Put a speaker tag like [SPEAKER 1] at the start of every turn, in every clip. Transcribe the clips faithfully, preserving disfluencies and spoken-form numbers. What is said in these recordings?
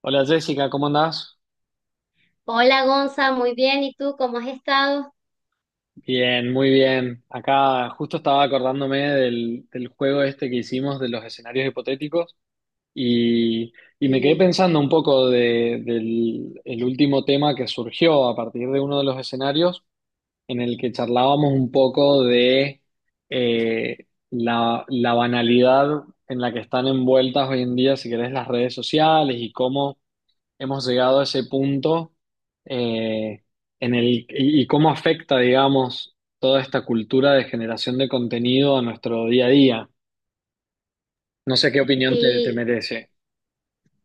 [SPEAKER 1] Hola Jessica, ¿cómo andás?
[SPEAKER 2] Hola Gonza, muy bien. ¿Y tú cómo has estado?
[SPEAKER 1] Bien, muy bien. Acá justo estaba acordándome del, del juego este que hicimos de los escenarios hipotéticos y, y me quedé
[SPEAKER 2] Sí,
[SPEAKER 1] pensando un poco de- del el último tema que surgió a partir de uno de los escenarios en el que charlábamos un poco de eh, la, la banalidad en la que están envueltas hoy en día, si querés, las redes sociales y cómo hemos llegado a ese punto eh, en el y, y cómo afecta, digamos, toda esta cultura de generación de contenido a nuestro día a día. No sé qué opinión te, te
[SPEAKER 2] sí,
[SPEAKER 1] merece.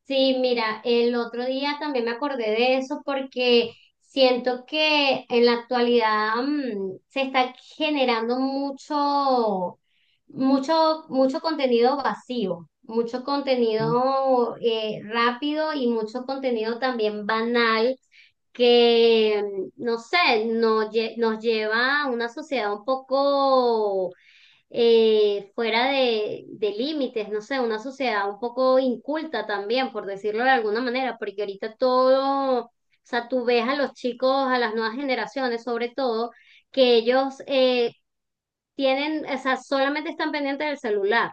[SPEAKER 2] sí, mira, el otro día también me acordé de eso porque siento que en la actualidad mm, se está generando mucho, mucho, mucho contenido vacío, mucho contenido eh, rápido y mucho contenido también banal que, mm, no sé, no lle- nos lleva a una sociedad un poco eh, fuera de, de límites, no sé, una sociedad un poco inculta también, por decirlo de alguna manera, porque ahorita todo, o sea, tú ves a los chicos, a las nuevas generaciones sobre todo, que ellos, eh, tienen, o sea, solamente están pendientes del celular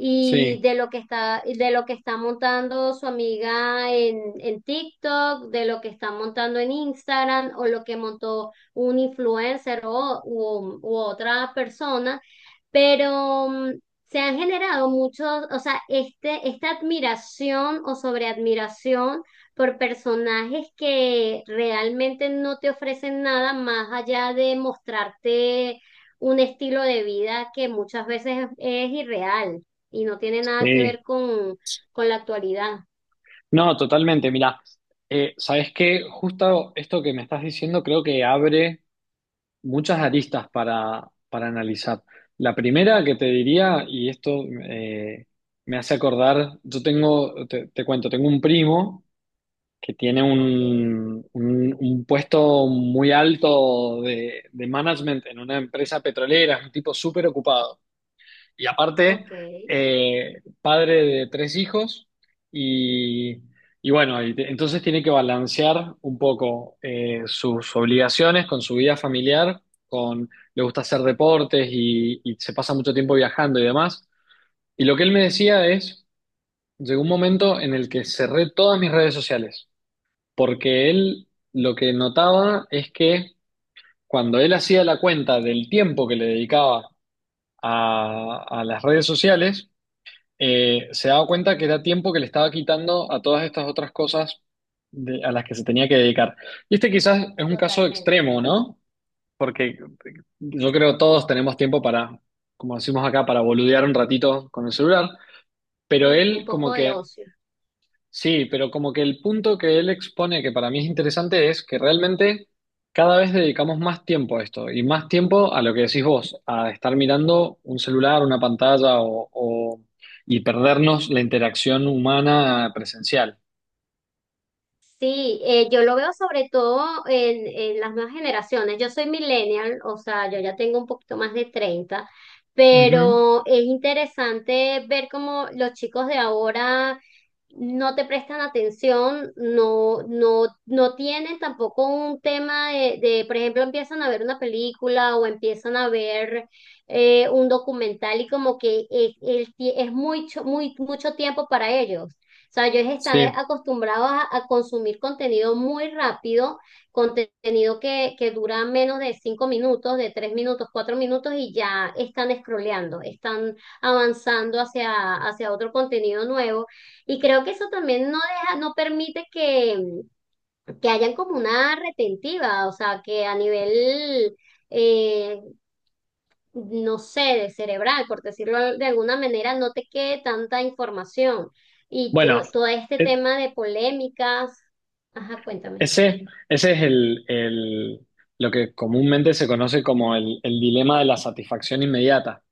[SPEAKER 2] y
[SPEAKER 1] Sí,
[SPEAKER 2] de lo que está, de lo que está montando su amiga en, en TikTok, de lo que está montando en Instagram o lo que montó un influencer o, u, u otra persona, pero mm, se han generado muchos, o sea, este, esta admiración o sobreadmiración por personajes que realmente no te ofrecen nada más allá de mostrarte un estilo de vida que muchas veces es, es irreal y no tiene nada que ver
[SPEAKER 1] sí.
[SPEAKER 2] con, con la actualidad.
[SPEAKER 1] No, totalmente. Mira, eh, ¿sabes qué? Justo esto que me estás diciendo creo que abre muchas aristas para, para analizar. La primera que te diría, y esto eh, me hace acordar, yo tengo, te, te cuento, tengo un primo que tiene
[SPEAKER 2] Ok,
[SPEAKER 1] un, un- un puesto muy alto de, de management en una empresa petrolera, es un tipo súper ocupado. Y aparte,
[SPEAKER 2] ok,
[SPEAKER 1] eh, padre de tres hijos y, y bueno, y te- entonces tiene que balancear un poco eh, sus obligaciones con su vida familiar, con le gusta hacer deportes y, y se pasa mucho tiempo viajando y demás. Y lo que él me decía es, llegó un momento en el que cerré todas mis redes sociales porque él lo que notaba es que cuando él hacía la cuenta del tiempo que le dedicaba a, a las redes sociales, eh, se daba cuenta que era tiempo que le estaba quitando a todas estas otras cosas de- a las que se tenía que dedicar. Y este quizás es un caso
[SPEAKER 2] totalmente.
[SPEAKER 1] extremo, ¿no? Porque yo creo todos tenemos tiempo para, como decimos acá, para boludear un ratito con el celular, pero
[SPEAKER 2] Sí, un
[SPEAKER 1] él como
[SPEAKER 2] poco de
[SPEAKER 1] que
[SPEAKER 2] ocio.
[SPEAKER 1] sí, pero como que el punto que él expone que para mí es interesante es que realmente cada vez dedicamos más tiempo a esto y más tiempo a lo que decís vos, a estar mirando un celular, una pantalla o, o- y perdernos la interacción humana presencial.
[SPEAKER 2] Sí, eh, yo lo veo sobre todo en, en las nuevas generaciones. Yo soy millennial, o sea, yo ya tengo un poquito más de treinta,
[SPEAKER 1] Ujú,
[SPEAKER 2] pero es interesante ver cómo los chicos de ahora no te prestan atención, no, no, no tienen tampoco un tema de, de, por ejemplo, empiezan a ver una película o empiezan a ver eh, un documental y como que es, el tie- es mucho, muy, mucho tiempo para ellos. O sea, ellos están
[SPEAKER 1] sí,
[SPEAKER 2] acostumbrados a, a consumir contenido muy rápido, contenido que, que dura menos de cinco minutos, de tres minutos, cuatro minutos y ya están scrolleando, están avanzando hacia, hacia otro contenido nuevo. Y creo que eso también no deja, no permite que, que hayan como una retentiva, o sea, que a nivel, eh, no sé, de cerebral, por decirlo de alguna manera, no te quede tanta información. Y
[SPEAKER 1] bueno,
[SPEAKER 2] to- todo este
[SPEAKER 1] e-
[SPEAKER 2] tema de polémicas, ajá, cuéntame.
[SPEAKER 1] ese, ese es el, el- lo que comúnmente se conoce como el el dilema de la satisfacción inmediata.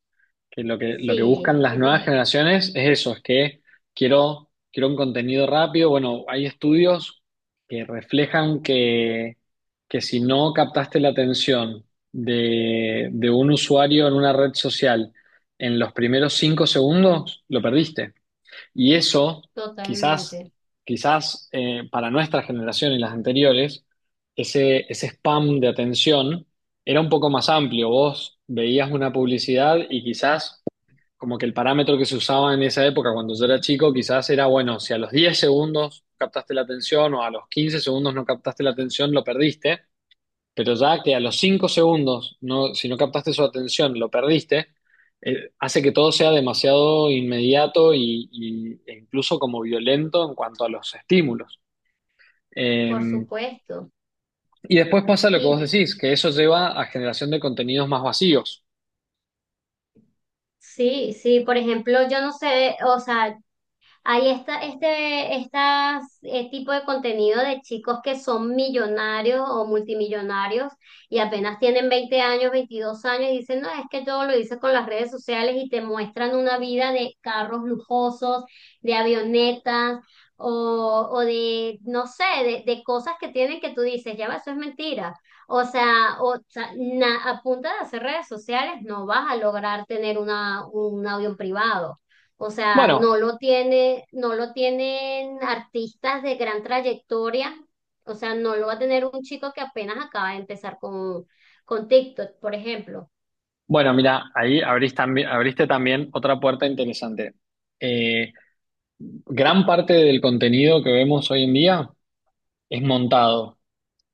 [SPEAKER 1] Que lo que, lo que
[SPEAKER 2] Sí,
[SPEAKER 1] buscan las nuevas generaciones es eso, es que quiero, quiero un contenido rápido. Bueno, hay estudios que reflejan que, que si no captaste la atención de, de un usuario en una red social en los primeros cinco segundos, lo perdiste. Y eso, quizás,
[SPEAKER 2] totalmente,
[SPEAKER 1] quizás eh, para nuestra generación y las anteriores, ese, ese spam de atención era un poco más amplio. Vos veías una publicidad y quizás como que el parámetro que se usaba en esa época cuando yo era chico quizás era, bueno, si a los diez segundos captaste la atención o a los quince segundos no captaste la atención, lo perdiste, pero ya que a los cinco segundos, no, si no captaste su atención, lo perdiste, eh, hace que todo sea demasiado inmediato y, y- e incluso como violento en cuanto a los estímulos. Eh,
[SPEAKER 2] por supuesto.
[SPEAKER 1] y después pasa lo que vos
[SPEAKER 2] Y
[SPEAKER 1] decís, que eso lleva a generación de contenidos más vacíos.
[SPEAKER 2] sí, sí, por ejemplo, yo no sé, o sea, hay esta, este, estas, eh, tipo de contenido de chicos que son millonarios o multimillonarios y apenas tienen veinte años, veintidós años y dicen, no, es que yo lo hice con las redes sociales y te muestran una vida de carros lujosos, de avionetas o, o de, no sé, de, de cosas que tienen que tú dices, ya va, eso es mentira. O sea, o sea, na- a punta de hacer redes sociales no vas a lograr tener una, un avión privado. O sea, no
[SPEAKER 1] Bueno,
[SPEAKER 2] lo tiene, no lo tienen artistas de gran trayectoria. O sea, no lo va a tener un chico que apenas acaba de empezar con, con TikTok, por ejemplo.
[SPEAKER 1] bueno, mira, ahí abrís tambi- abriste también otra puerta interesante. Eh, Gran parte del contenido que vemos hoy en día es montado.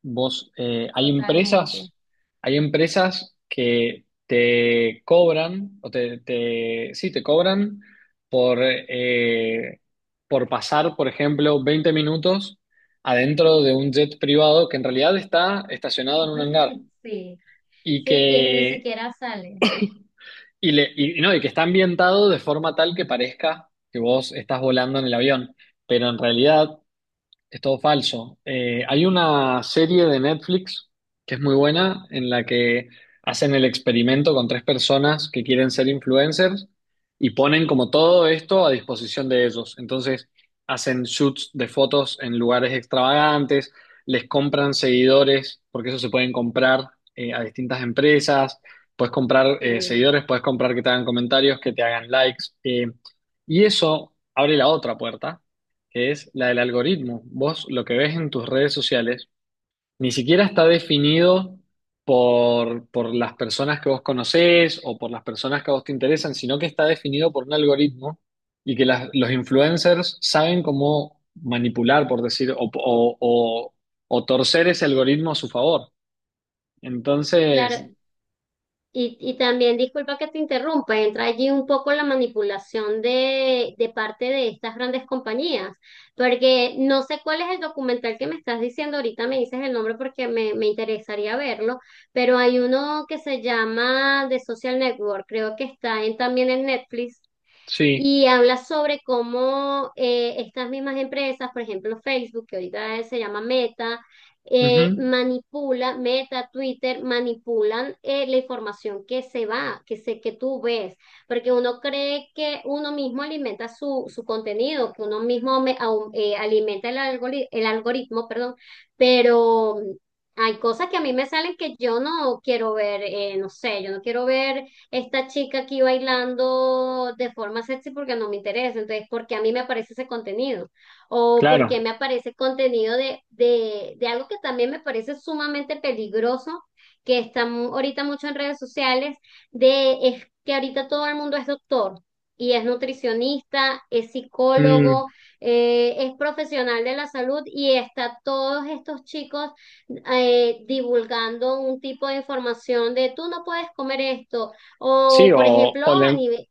[SPEAKER 1] Vos, eh, hay
[SPEAKER 2] Totalmente.
[SPEAKER 1] empresas, hay empresas que te cobran, o te, te- sí, te cobran por, eh, por pasar, por ejemplo, veinte minutos adentro de un jet privado que en realidad está estacionado en un hangar
[SPEAKER 2] Sí.
[SPEAKER 1] y
[SPEAKER 2] Sí, y ni
[SPEAKER 1] que
[SPEAKER 2] siquiera sale.
[SPEAKER 1] Y, le, y, no, y que está ambientado de forma tal que parezca que vos estás volando en el avión, pero en realidad es todo falso. Eh, hay una serie de Netflix que es muy buena en la que hacen el experimento con tres personas que quieren ser influencers y ponen como todo esto a disposición de ellos. Entonces hacen shoots de fotos en lugares extravagantes, les compran seguidores, porque eso se pueden comprar eh, a distintas empresas, puedes comprar eh,
[SPEAKER 2] Sí.
[SPEAKER 1] seguidores, puedes comprar que te hagan comentarios, que te hagan likes. Eh, y eso abre la otra puerta que es la del algoritmo. Vos lo que ves en tus redes sociales ni siquiera está definido por, por las personas que vos conocés o por las personas que a vos te interesan, sino que está definido por un algoritmo y que las- los influencers saben cómo manipular, por decir, o, o- o- o torcer ese algoritmo a su favor.
[SPEAKER 2] Claro,
[SPEAKER 1] Entonces,
[SPEAKER 2] Y, y también, disculpa que te interrumpa, entra allí un poco la manipulación de, de parte de estas grandes compañías, porque no sé cuál es el documental que me estás diciendo, ahorita me dices el nombre porque me, me interesaría verlo, pero hay uno que se llama The Social Network, creo que está en, también en Netflix,
[SPEAKER 1] sí,
[SPEAKER 2] y habla sobre cómo eh, estas mismas empresas, por ejemplo Facebook, que ahorita se llama Meta, eh,
[SPEAKER 1] ujú,
[SPEAKER 2] manipula, Meta, Twitter, manipulan eh, la información que se va, que se, que tú ves, porque uno cree que uno mismo alimenta su, su contenido, que uno mismo me- au- eh, alimenta el algori- el algoritmo, perdón, pero hay cosas que a mí me salen que yo no quiero ver, eh, no sé, yo no quiero ver esta chica aquí bailando de forma sexy porque no me interesa. Entonces, ¿por qué a mí me aparece ese contenido? O porque
[SPEAKER 1] claro.
[SPEAKER 2] me aparece contenido de, de, de algo que también me parece sumamente peligroso, que está mu- ahorita mucho en redes sociales, de es que ahorita todo el mundo es doctor. Y es nutricionista, es
[SPEAKER 1] Mm,
[SPEAKER 2] psicólogo, eh, es profesional de la salud y está todos estos chicos eh, divulgando un tipo de información de tú no puedes comer esto,
[SPEAKER 1] sí,
[SPEAKER 2] o, por
[SPEAKER 1] o,
[SPEAKER 2] ejemplo,
[SPEAKER 1] o
[SPEAKER 2] a
[SPEAKER 1] le-
[SPEAKER 2] nivel,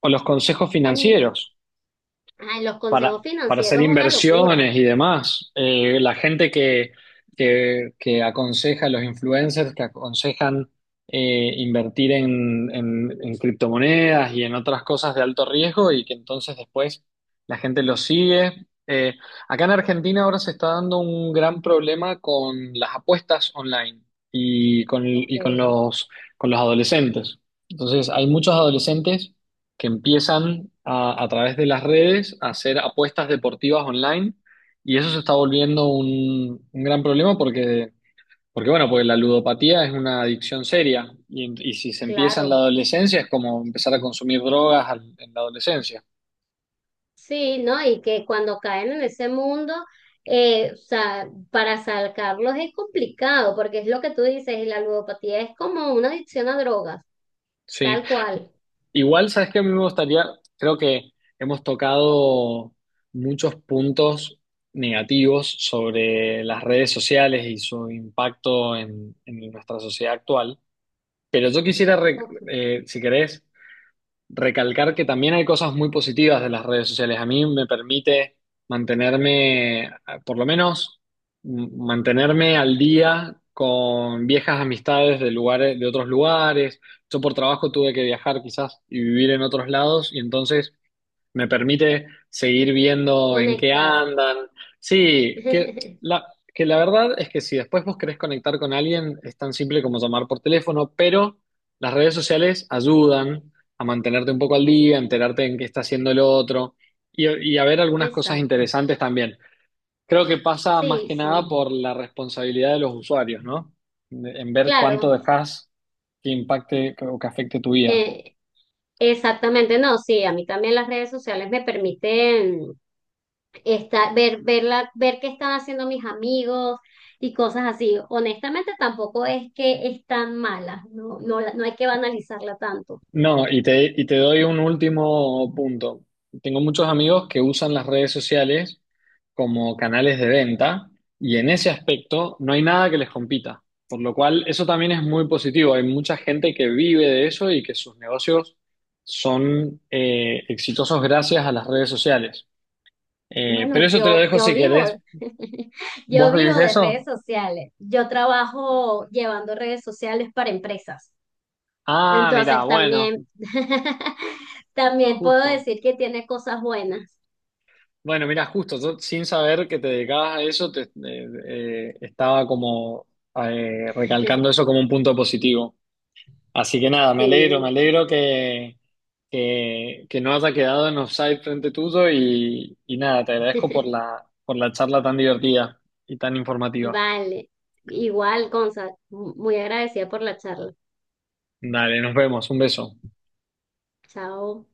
[SPEAKER 1] o los consejos
[SPEAKER 2] an-
[SPEAKER 1] financieros.
[SPEAKER 2] ah, los
[SPEAKER 1] para,
[SPEAKER 2] consejos
[SPEAKER 1] para hacer
[SPEAKER 2] financieros es una locura.
[SPEAKER 1] inversiones y demás. Eh, la gente que, que, que aconseja, los influencers que aconsejan eh, invertir en, en, en criptomonedas y en otras cosas de alto riesgo y que entonces después la gente los sigue. Eh, acá en Argentina ahora se está dando un gran problema con las apuestas online y con,
[SPEAKER 2] Ok,
[SPEAKER 1] y con los, con los adolescentes. Entonces hay muchos adolescentes que empiezan a, a través de las redes a hacer apuestas deportivas online y eso se está volviendo un, un gran problema porque, porque, bueno, pues la ludopatía es una adicción seria y, en- y si se empieza en la
[SPEAKER 2] claro.
[SPEAKER 1] adolescencia es como empezar a consumir drogas al- en la adolescencia.
[SPEAKER 2] Sí, ¿no? Y que cuando caen en ese mundo, eh, o sea, para sacarlos es complicado, porque es lo que tú dices, y la ludopatía es como una adicción a drogas,
[SPEAKER 1] Sí,
[SPEAKER 2] tal cual.
[SPEAKER 1] igual, ¿sabes que a mí me gustaría, creo que hemos tocado muchos puntos negativos sobre las redes sociales y su impacto en en nuestra sociedad actual. Pero yo quisiera, re-
[SPEAKER 2] Co-
[SPEAKER 1] eh, si querés, recalcar que también hay cosas muy positivas de las redes sociales. A mí me permite mantenerme, eh, por lo menos, m- mantenerme al día con viejas amistades de lugares, de otros lugares. Yo por trabajo tuve que viajar quizás y vivir en otros lados y entonces me permite seguir viendo en qué
[SPEAKER 2] Conectar.
[SPEAKER 1] andan. Sí, que la, que la verdad es que si después vos querés conectar con alguien, es tan simple como llamar por teléfono, pero las redes sociales ayudan a mantenerte un poco al día, a enterarte en qué está haciendo el otro y, y a ver algunas cosas
[SPEAKER 2] Exacto.
[SPEAKER 1] interesantes también. Creo que pasa más
[SPEAKER 2] Sí,
[SPEAKER 1] que nada
[SPEAKER 2] sí.
[SPEAKER 1] por la responsabilidad de los usuarios, ¿no? En ver cuánto
[SPEAKER 2] Claro.
[SPEAKER 1] dejás que impacte o que afecte tu vida.
[SPEAKER 2] Eh, Exactamente, no, sí, a mí también las redes sociales me permiten esta- ver, ver, la- ver qué están haciendo mis amigos y cosas así. Honestamente, tampoco es que es tan mala, no, no, la- no hay que banalizarla tanto.
[SPEAKER 1] No, y te, y te doy un último punto. Tengo muchos amigos que usan las redes sociales como canales de venta y en ese aspecto no hay nada que les compita, por lo cual eso también es muy positivo. Hay mucha gente que vive de eso y que sus negocios son eh, exitosos gracias a las redes sociales. Eh,
[SPEAKER 2] Bueno,
[SPEAKER 1] pero eso te lo
[SPEAKER 2] yo,
[SPEAKER 1] dejo
[SPEAKER 2] yo
[SPEAKER 1] si
[SPEAKER 2] vivo,
[SPEAKER 1] querés. ¿Vos
[SPEAKER 2] yo vivo
[SPEAKER 1] vivís de
[SPEAKER 2] de redes
[SPEAKER 1] eso?
[SPEAKER 2] sociales. Yo trabajo llevando redes sociales para empresas.
[SPEAKER 1] Ah, mira,
[SPEAKER 2] Entonces
[SPEAKER 1] bueno,
[SPEAKER 2] también, también puedo
[SPEAKER 1] justo.
[SPEAKER 2] decir que tiene cosas buenas.
[SPEAKER 1] Bueno, mira, justo, yo sin saber que te dedicabas a eso, te, eh, eh, estaba como eh, recalcando eso como un punto positivo. Así que nada, me alegro, me
[SPEAKER 2] Sí.
[SPEAKER 1] alegro que, que, que no haya quedado en offside frente tuyo y, y nada, te agradezco por la, por la charla tan divertida y tan informativa.
[SPEAKER 2] Vale. Igual, Gonza, muy agradecida por la charla.
[SPEAKER 1] Dale, nos vemos, un beso.
[SPEAKER 2] Chao.